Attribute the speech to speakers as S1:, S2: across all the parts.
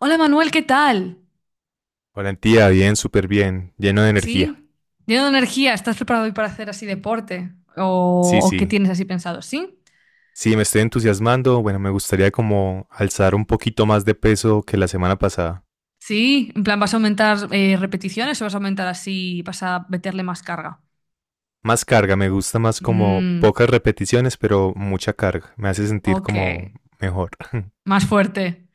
S1: Hola Manuel, ¿qué tal?
S2: Valentía, bien, súper bien, lleno de energía.
S1: ¿Sí? Lleno de energía, ¿estás preparado hoy para hacer así deporte? ¿O,
S2: Sí,
S1: o qué
S2: sí.
S1: tienes así pensado? ¿Sí?
S2: Sí, me estoy entusiasmando. Bueno, me gustaría como alzar un poquito más de peso que la semana pasada.
S1: Sí, en plan, ¿vas a aumentar repeticiones o vas a aumentar así, vas a meterle más carga?
S2: Más carga, me gusta más como
S1: Mm,
S2: pocas repeticiones, pero mucha carga. Me hace sentir
S1: ok,
S2: como mejor.
S1: más fuerte.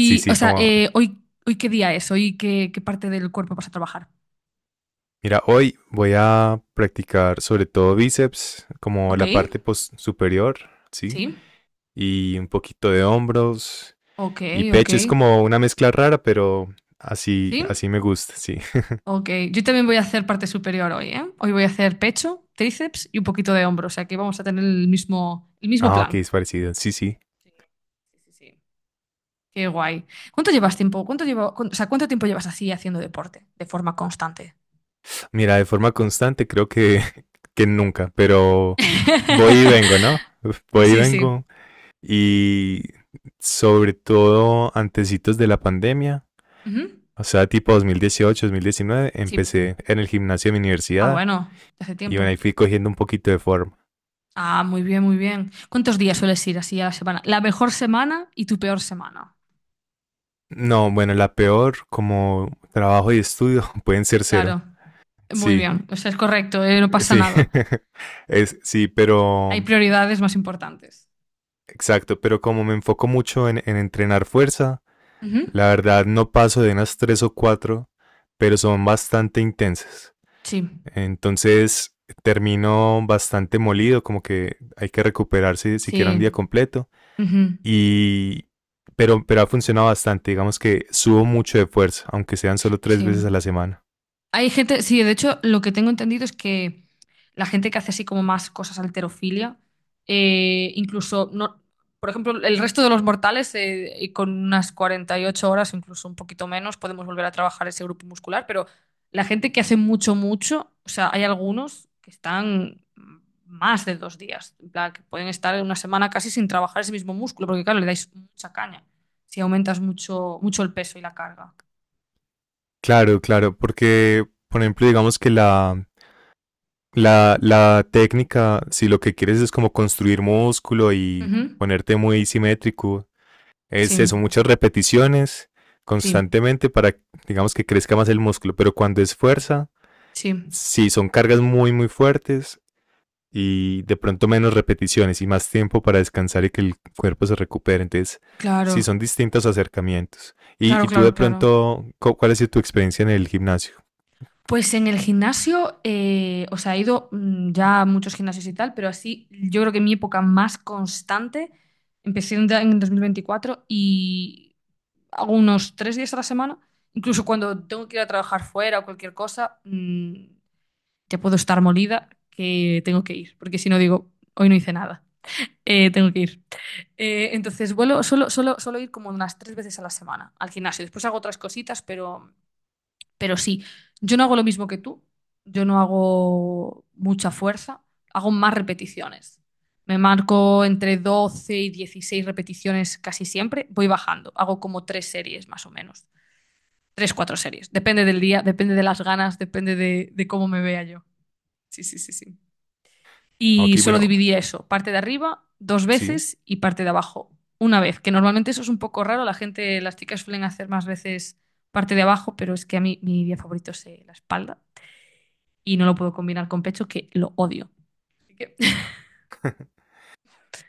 S2: Sí,
S1: o
S2: sí,
S1: sea,
S2: como,
S1: ¿hoy qué día es? ¿Hoy qué parte del cuerpo vas a trabajar?
S2: mira, hoy voy a practicar sobre todo bíceps, como
S1: Ok,
S2: la parte post superior, ¿sí?
S1: sí,
S2: Y un poquito de hombros
S1: ok,
S2: y
S1: ok,
S2: pecho. Es como una mezcla rara, pero así,
S1: sí.
S2: así me gusta, sí.
S1: Ok, yo también voy a hacer parte superior hoy, ¿eh? Hoy voy a hacer pecho, tríceps y un poquito de hombro, o sea que vamos a tener el mismo
S2: Ah, ok,
S1: plan.
S2: es parecido. Sí, sí.
S1: Sí, sí, sí. Sí. Qué guay. ¿Cuánto llevas tiempo? ¿Cuánto llevo, o sea, cuánto tiempo llevas así haciendo deporte de forma constante?
S2: Mira, de forma constante creo que, que nunca, pero voy y vengo, ¿no? Voy y
S1: Sí, sí.
S2: vengo. Y sobre todo antecitos de la pandemia,
S1: Ujú.
S2: o sea, tipo 2018, 2019,
S1: Sí.
S2: empecé en el gimnasio de mi
S1: Ah,
S2: universidad
S1: bueno, de hace
S2: y bueno,
S1: tiempo.
S2: ahí fui cogiendo un poquito de forma.
S1: Ah, muy bien, muy bien. ¿Cuántos días sueles ir así a la semana? La mejor semana y tu peor semana.
S2: No, bueno, la peor como trabajo y estudio pueden ser cero.
S1: Claro, muy
S2: Sí,
S1: bien. O sea, es correcto, no pasa
S2: sí,
S1: nada.
S2: es, sí, pero
S1: Hay prioridades más importantes.
S2: exacto, pero como me enfoco mucho en entrenar fuerza.
S1: Ujú.
S2: La verdad no paso de unas tres o cuatro, pero son bastante intensas.
S1: Sí,
S2: Entonces termino bastante molido, como que hay que recuperarse siquiera un
S1: sí,
S2: día completo.
S1: ujú,
S2: Y pero ha funcionado bastante, digamos que subo mucho de fuerza, aunque sean solo tres
S1: sí.
S2: veces a la semana.
S1: Hay gente, sí, de hecho, lo que tengo entendido es que la gente que hace así como más cosas alterofilia, incluso, no, por ejemplo, el resto de los mortales, y con unas 48 horas, incluso un poquito menos, podemos volver a trabajar ese grupo muscular, pero la gente que hace mucho, mucho, o sea, hay algunos que están más de 2 días, en plan, que pueden estar una semana casi sin trabajar ese mismo músculo, porque claro, le dais mucha caña si aumentas mucho, mucho el peso y la carga.
S2: Claro, claro, porque por ejemplo, digamos que la técnica, si lo que quieres es como construir músculo y
S1: Ujú.
S2: ponerte muy simétrico,
S1: Sí,
S2: es eso, muchas repeticiones
S1: sí.
S2: constantemente para, digamos, que crezca más el músculo, pero cuando es fuerza,
S1: Sí,
S2: sí, son cargas muy, muy fuertes y de pronto menos repeticiones y más tiempo para descansar y que el cuerpo se recupere. Entonces, sí,
S1: claro,
S2: son distintos acercamientos. Y,
S1: claro,
S2: y tú de
S1: claro, claro.
S2: pronto, ¿cuál ha sido tu experiencia en el gimnasio?
S1: Pues en el gimnasio, o sea, he ido ya a muchos gimnasios y tal, pero así yo creo que mi época más constante empecé en 2024 y hago unos 3 días a la semana. Incluso cuando tengo que ir a trabajar fuera o cualquier cosa, ya puedo estar molida que tengo que ir, porque si no digo, hoy no hice nada, tengo que ir. Entonces, solo ir como unas 3 veces a la semana al gimnasio. Después hago otras cositas, Pero sí, yo no hago lo mismo que tú, yo no hago mucha fuerza, hago más repeticiones. Me marco entre 12 y 16 repeticiones casi siempre, voy bajando, hago como tres series más o menos, tres, cuatro series, depende del día, depende de las ganas, depende de cómo me vea yo. Sí, sí, sí, sí. Y
S2: Ok,
S1: solo
S2: bueno,
S1: dividía eso, parte de arriba dos
S2: sí.
S1: veces y parte de abajo una vez, que normalmente eso es un poco raro, la gente, las chicas suelen hacer más veces parte de abajo, pero es que a mí mi día favorito es la espalda y no lo puedo combinar con pechos que lo odio. Así que-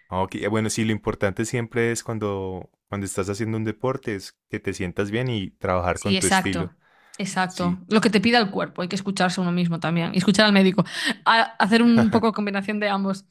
S2: Ok, bueno, sí, lo importante siempre es cuando estás haciendo un deporte, es que te sientas bien y trabajar
S1: Sí,
S2: con tu
S1: exacto,
S2: estilo.
S1: exacto.
S2: Sí.
S1: Lo que te pida el cuerpo, hay que escucharse uno mismo también y escuchar al médico. Hacer un poco de combinación de ambos.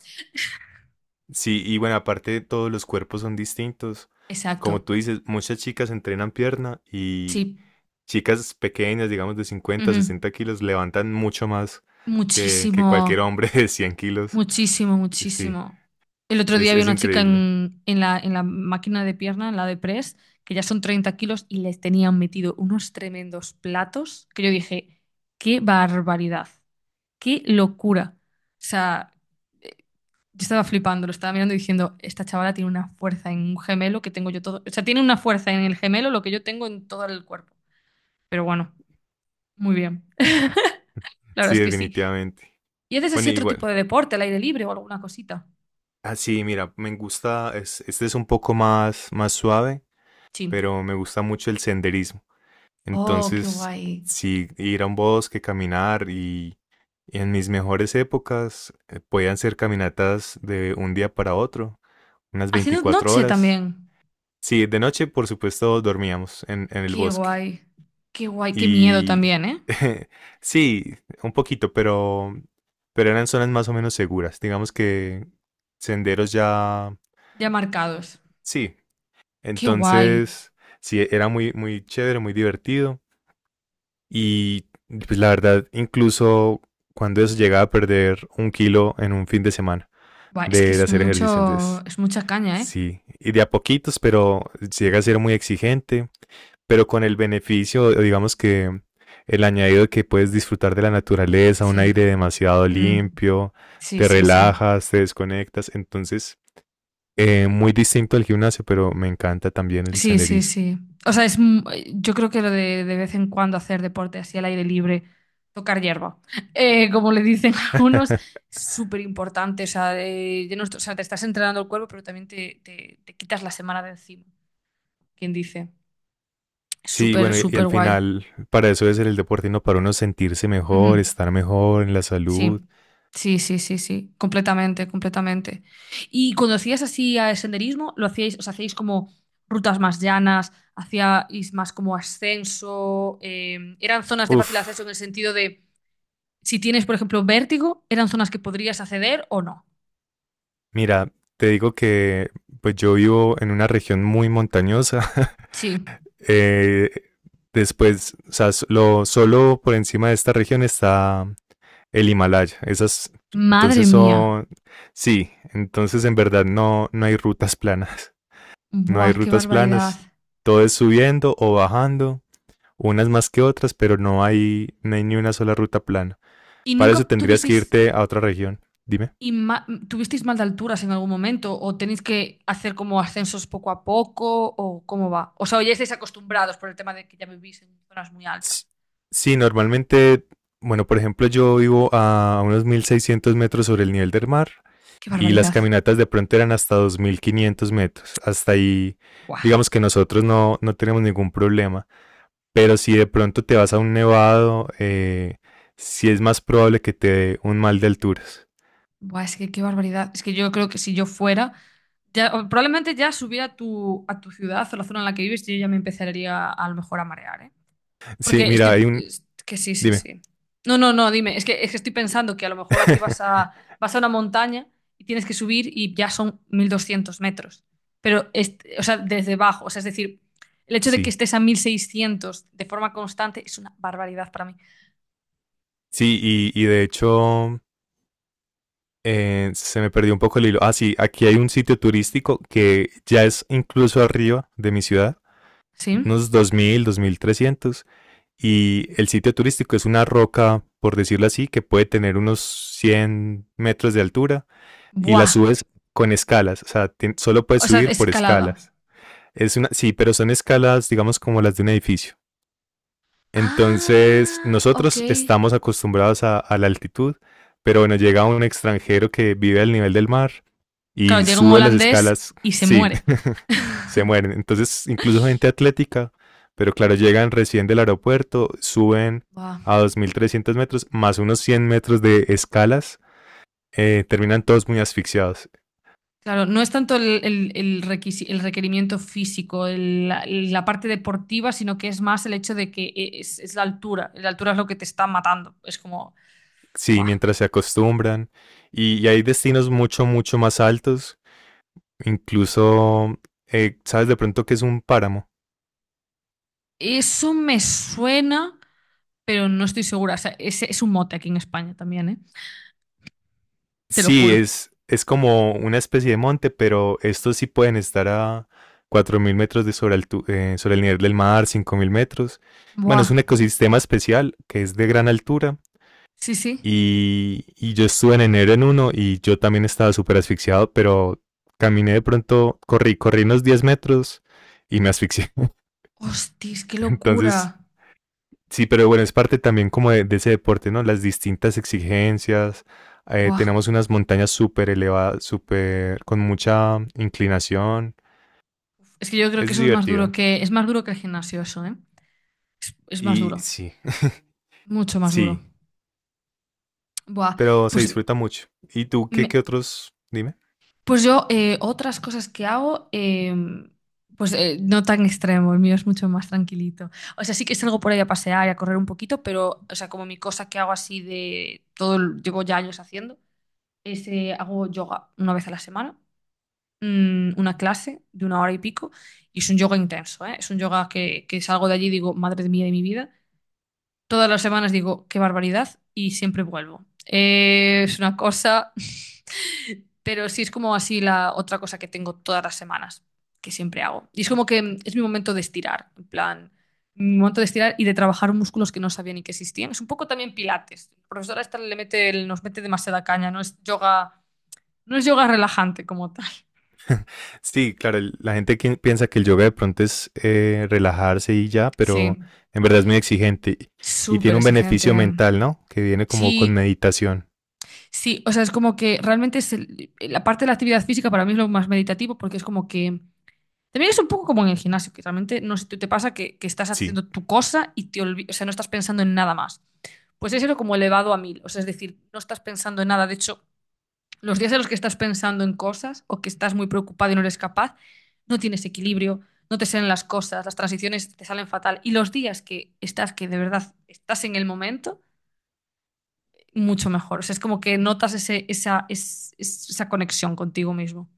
S2: Sí, y bueno, aparte todos los cuerpos son distintos.
S1: Exacto,
S2: Como tú dices, muchas chicas entrenan pierna y
S1: sí.
S2: chicas pequeñas, digamos de cincuenta
S1: Ujú.
S2: sesenta kilos, levantan mucho más que cualquier
S1: Muchísimo,
S2: hombre de 100 kilos.
S1: muchísimo,
S2: Sí,
S1: muchísimo. El otro día
S2: es,
S1: había
S2: es
S1: una chica
S2: increíble.
S1: en, en la máquina de pierna, en la de press, que ya son 30 kilos y les tenían metido unos tremendos platos que yo dije, qué barbaridad, qué locura. O sea, yo estaba flipando, lo estaba mirando y diciendo, esta chavala tiene una fuerza en un gemelo que tengo yo todo. O sea, tiene una fuerza en el gemelo lo que yo tengo en todo el cuerpo. Pero bueno, muy bien. La verdad
S2: Sí,
S1: es que sí.
S2: definitivamente.
S1: ¿Y haces así
S2: Bueno,
S1: otro tipo
S2: igual.
S1: de deporte, al aire libre o alguna cosita?
S2: Ah, sí, mira, me gusta, este es un poco más, más suave,
S1: Sí.
S2: pero me gusta mucho el senderismo.
S1: Oh, qué
S2: Entonces,
S1: guay.
S2: sí, ir a un bosque, caminar y en mis mejores épocas podían ser caminatas de un día para otro, unas
S1: Haciendo
S2: 24
S1: noche
S2: horas.
S1: también.
S2: Sí, de noche, por supuesto, dormíamos en el
S1: Qué
S2: bosque.
S1: guay. Qué guay. Qué miedo
S2: Y
S1: también, ¿eh?
S2: sí, un poquito, pero eran zonas más o menos seguras. Digamos que senderos ya.
S1: Ya marcados.
S2: Sí,
S1: Qué guay.
S2: entonces, sí, era muy, muy chévere, muy divertido. Y pues la verdad, incluso cuando eso llegaba a perder un kilo en un fin de semana.
S1: Buah, es que
S2: De
S1: es
S2: hacer ejercicio.
S1: mucho,
S2: Entonces,
S1: es mucha caña, ¿eh?
S2: sí, y de a poquitos, pero llega a ser muy exigente, pero con el beneficio, o digamos que el añadido de que puedes disfrutar de la naturaleza, un
S1: Sí.
S2: aire demasiado
S1: Mm.
S2: limpio,
S1: Sí,
S2: te
S1: sí, sí.
S2: relajas, te desconectas. Entonces, muy distinto al gimnasio, pero me encanta también el
S1: Sí, sí,
S2: senderismo.
S1: sí. O sea, yo creo que lo de vez en cuando hacer deporte así al aire libre, tocar hierba, como le dicen algunos, es súper importante. O sea, de no est- o sea, te estás entrenando el cuerpo, pero también te quitas la semana de encima, quien dice. Es
S2: Sí,
S1: súper,
S2: bueno, y
S1: súper
S2: al
S1: guay.
S2: final, para eso es el deporte, ¿no? Para uno sentirse mejor,
S1: Ujú.
S2: estar mejor en la salud.
S1: Sí, sí, sí, sí, sí, completamente, completamente. Y cuando hacías así a senderismo, lo hacíais, os hacíais como rutas más llanas, hacíais más como ascenso, eran zonas de fácil acceso
S2: Uf,
S1: en el sentido de si tienes, por ejemplo, vértigo, eran zonas que podrías acceder o no.
S2: mira, te digo que pues yo vivo en una región muy montañosa.
S1: Sí.
S2: Eh, Después, o sea, solo por encima de esta región está el Himalaya. Esas,
S1: Madre
S2: entonces
S1: mía.
S2: son, sí, entonces en verdad no hay rutas planas. No hay
S1: Buah, qué
S2: rutas
S1: barbaridad.
S2: planas. Todo es subiendo o bajando, unas más que otras, pero no hay ni una sola ruta plana.
S1: ¿Y
S2: Para
S1: nunca
S2: eso tendrías que
S1: tuvisteis
S2: irte a otra región. Dime.
S1: ¿Y ma- tuvisteis mal de alturas en algún momento? ¿O tenéis que hacer como ascensos poco a poco? ¿O cómo va? O sea, ¿o ya estáis acostumbrados por el tema de que ya vivís en zonas muy
S2: S-
S1: altas?
S2: Sí, normalmente, bueno, por ejemplo, yo vivo a unos 1600 metros sobre el nivel del mar
S1: ¡Qué
S2: y las
S1: barbaridad!
S2: caminatas de pronto eran hasta 2500 metros. Hasta ahí,
S1: ¡Buah!
S2: digamos que nosotros no tenemos ningún problema. Pero si de pronto te vas a un nevado, sí es más probable que te dé un mal de alturas.
S1: ¡Buah! Es que qué barbaridad. Es que yo creo que si yo fuera, ya, o probablemente ya subiera a tu, ciudad o la zona en la que vives, yo ya me empezaría a lo mejor a marear, ¿eh?
S2: Sí,
S1: Porque
S2: mira, hay un.
S1: es que sí, sí,
S2: Dime.
S1: sí. No, no, no, dime. Es que estoy pensando que a lo mejor aquí vas a, vas a una montaña y tienes que subir y ya son 1.200 metros. Pero, o sea, desde abajo. O sea, es decir, el hecho de que
S2: Sí,
S1: estés a 1.600 de forma constante es una barbaridad para mí.
S2: sí, y de hecho, se me perdió un poco el hilo. Ah, sí, aquí hay un sitio turístico que ya es incluso arriba de mi ciudad,
S1: ¿Sí?
S2: unos 2000, 2300. Y el sitio turístico es una roca, por decirlo así, que puede tener unos 100 metros de altura y la
S1: Buah.
S2: subes con escalas. O sea, solo puedes
S1: O sea,
S2: subir por
S1: escalada.
S2: escalas. Es una, sí, pero son escalas, digamos, como las de un edificio. Entonces,
S1: Ah, ok.
S2: nosotros estamos acostumbrados a la altitud, pero bueno, llega un extranjero que vive al nivel del mar
S1: Claro,
S2: y
S1: llega un
S2: sube las
S1: holandés
S2: escalas,
S1: y se
S2: sí,
S1: muere.
S2: se mueren. Entonces, incluso gente atlética, pero claro, llegan recién del aeropuerto, suben
S1: Buah.
S2: a 2300 metros, más unos 100 metros de escalas, terminan todos muy asfixiados.
S1: Claro, no es tanto el, el requerimiento físico, la parte deportiva, sino que es más el hecho de que es la altura. La altura es lo que te está matando. Es como,
S2: Sí,
S1: ¡buah!
S2: mientras se acostumbran. Y hay destinos mucho, mucho más altos. Incluso, ¿sabes de pronto que es un páramo?
S1: Eso me suena, pero no estoy segura. O sea, es un mote aquí en España también, ¿eh? Te lo
S2: Sí,
S1: juro.
S2: es como una especie de monte, pero estos sí pueden estar a 4000 metros de sobre el nivel del mar, 5000 metros. Bueno,
S1: ¡Buah!
S2: es un ecosistema especial que es de gran altura
S1: Sí, sí.
S2: y yo estuve en enero en uno y yo también estaba súper asfixiado, pero caminé de pronto, corrí unos 10 metros y me asfixié.
S1: ¡Hostis, qué
S2: Entonces,
S1: locura!
S2: sí, pero bueno, es parte también como de ese deporte, ¿no? Las distintas exigencias.
S1: ¡Buah!
S2: Tenemos unas montañas súper elevadas, súper con mucha inclinación.
S1: Es que yo creo que
S2: Es
S1: eso es más duro
S2: divertido.
S1: que, es más duro que el gimnasio, eso, ¿eh? Es más
S2: Y
S1: duro,
S2: sí,
S1: mucho más duro.
S2: sí,
S1: ¡Buah!
S2: pero se
S1: Pues
S2: disfruta mucho. ¿Y tú qué,
S1: me-
S2: otros? Dime.
S1: Pues yo, otras cosas que hago, pues no tan extremo, el mío es mucho más tranquilito. O sea, sí que salgo por ahí a pasear y a correr un poquito, pero, o sea, como mi cosa que hago así de todo, llevo ya años haciendo, es hago yoga una vez a la semana, una clase de una hora y pico, y es un yoga intenso, ¿eh? Es un yoga que salgo de allí y digo, madre mía de mi vida. Todas las semanas digo, qué barbaridad, y siempre vuelvo. Es una cosa. Pero sí es como así la otra cosa que tengo todas las semanas, que siempre hago. Y es como que es mi momento de estirar, en plan, mi momento de estirar y de trabajar músculos que no sabía ni que existían. Es un poco también pilates. La profesora esta nos mete demasiada caña, no es yoga, no es yoga relajante como tal.
S2: Sí, claro, la gente que piensa que el yoga de pronto es relajarse y ya, pero
S1: Sí,
S2: en verdad es muy exigente y
S1: súper
S2: tiene un
S1: exigente.
S2: beneficio mental, ¿no? Que viene como con
S1: Sí,
S2: meditación.
S1: sí, o sea, es como que realmente es la parte de la actividad física para mí es lo más meditativo porque es como que también es un poco como en el gimnasio, que realmente no sé si te pasa que estás
S2: Sí,
S1: haciendo tu cosa y te olvidas, o sea, no estás pensando en nada más. Pues es eso como elevado a mil, o sea, es decir, no estás pensando en nada. De hecho, los días en los que estás pensando en cosas o que estás muy preocupado y no eres capaz, no tienes equilibrio, no te salen las cosas, las transiciones te salen fatal. Y los días que estás, que de verdad estás en el momento, mucho mejor. O sea, es como que notas ese, esa, es- esa conexión contigo mismo.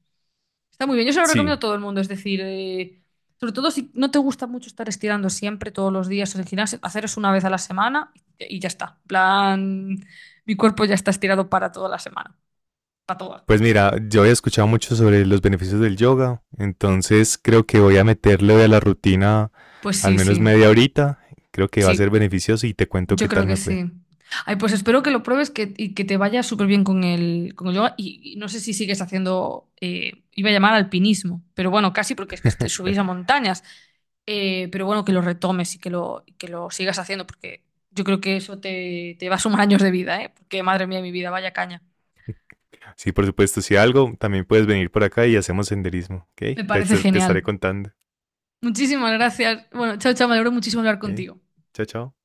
S1: Está muy bien, yo se lo
S2: sí.
S1: recomiendo a todo el mundo, es decir, sobre todo si no te gusta mucho estar estirando siempre, todos los días en el gimnasio, hacer eso una vez a la semana y ya está. En plan, mi cuerpo ya está estirado para toda la semana, para toda.
S2: Pues mira, yo había escuchado mucho sobre los beneficios del yoga, entonces creo que voy a meterle de la rutina
S1: Pues
S2: al
S1: sí,
S2: menos
S1: sí,
S2: media horita. Creo que va a ser
S1: sí.
S2: beneficioso y te cuento qué
S1: Yo creo
S2: tal
S1: que
S2: me fue.
S1: sí. Ay, pues espero que lo pruebes que, y que te vaya súper bien con el, yoga. Y no sé si sigues haciendo, iba a llamar alpinismo, pero bueno, casi porque es que subís a montañas. Pero bueno, que lo retomes y que lo, sigas haciendo, porque yo creo que eso te va a sumar años de vida, ¿eh? Porque madre mía, mi vida, vaya caña.
S2: Sí, por supuesto, si algo, también puedes venir por acá y hacemos senderismo,
S1: Me
S2: ¿ok? Te,
S1: parece
S2: te
S1: genial.
S2: estaré contando,
S1: Muchísimas gracias. Bueno, chao, chao, me alegro muchísimo de hablar
S2: ¿ok?
S1: contigo.
S2: Chao, chao.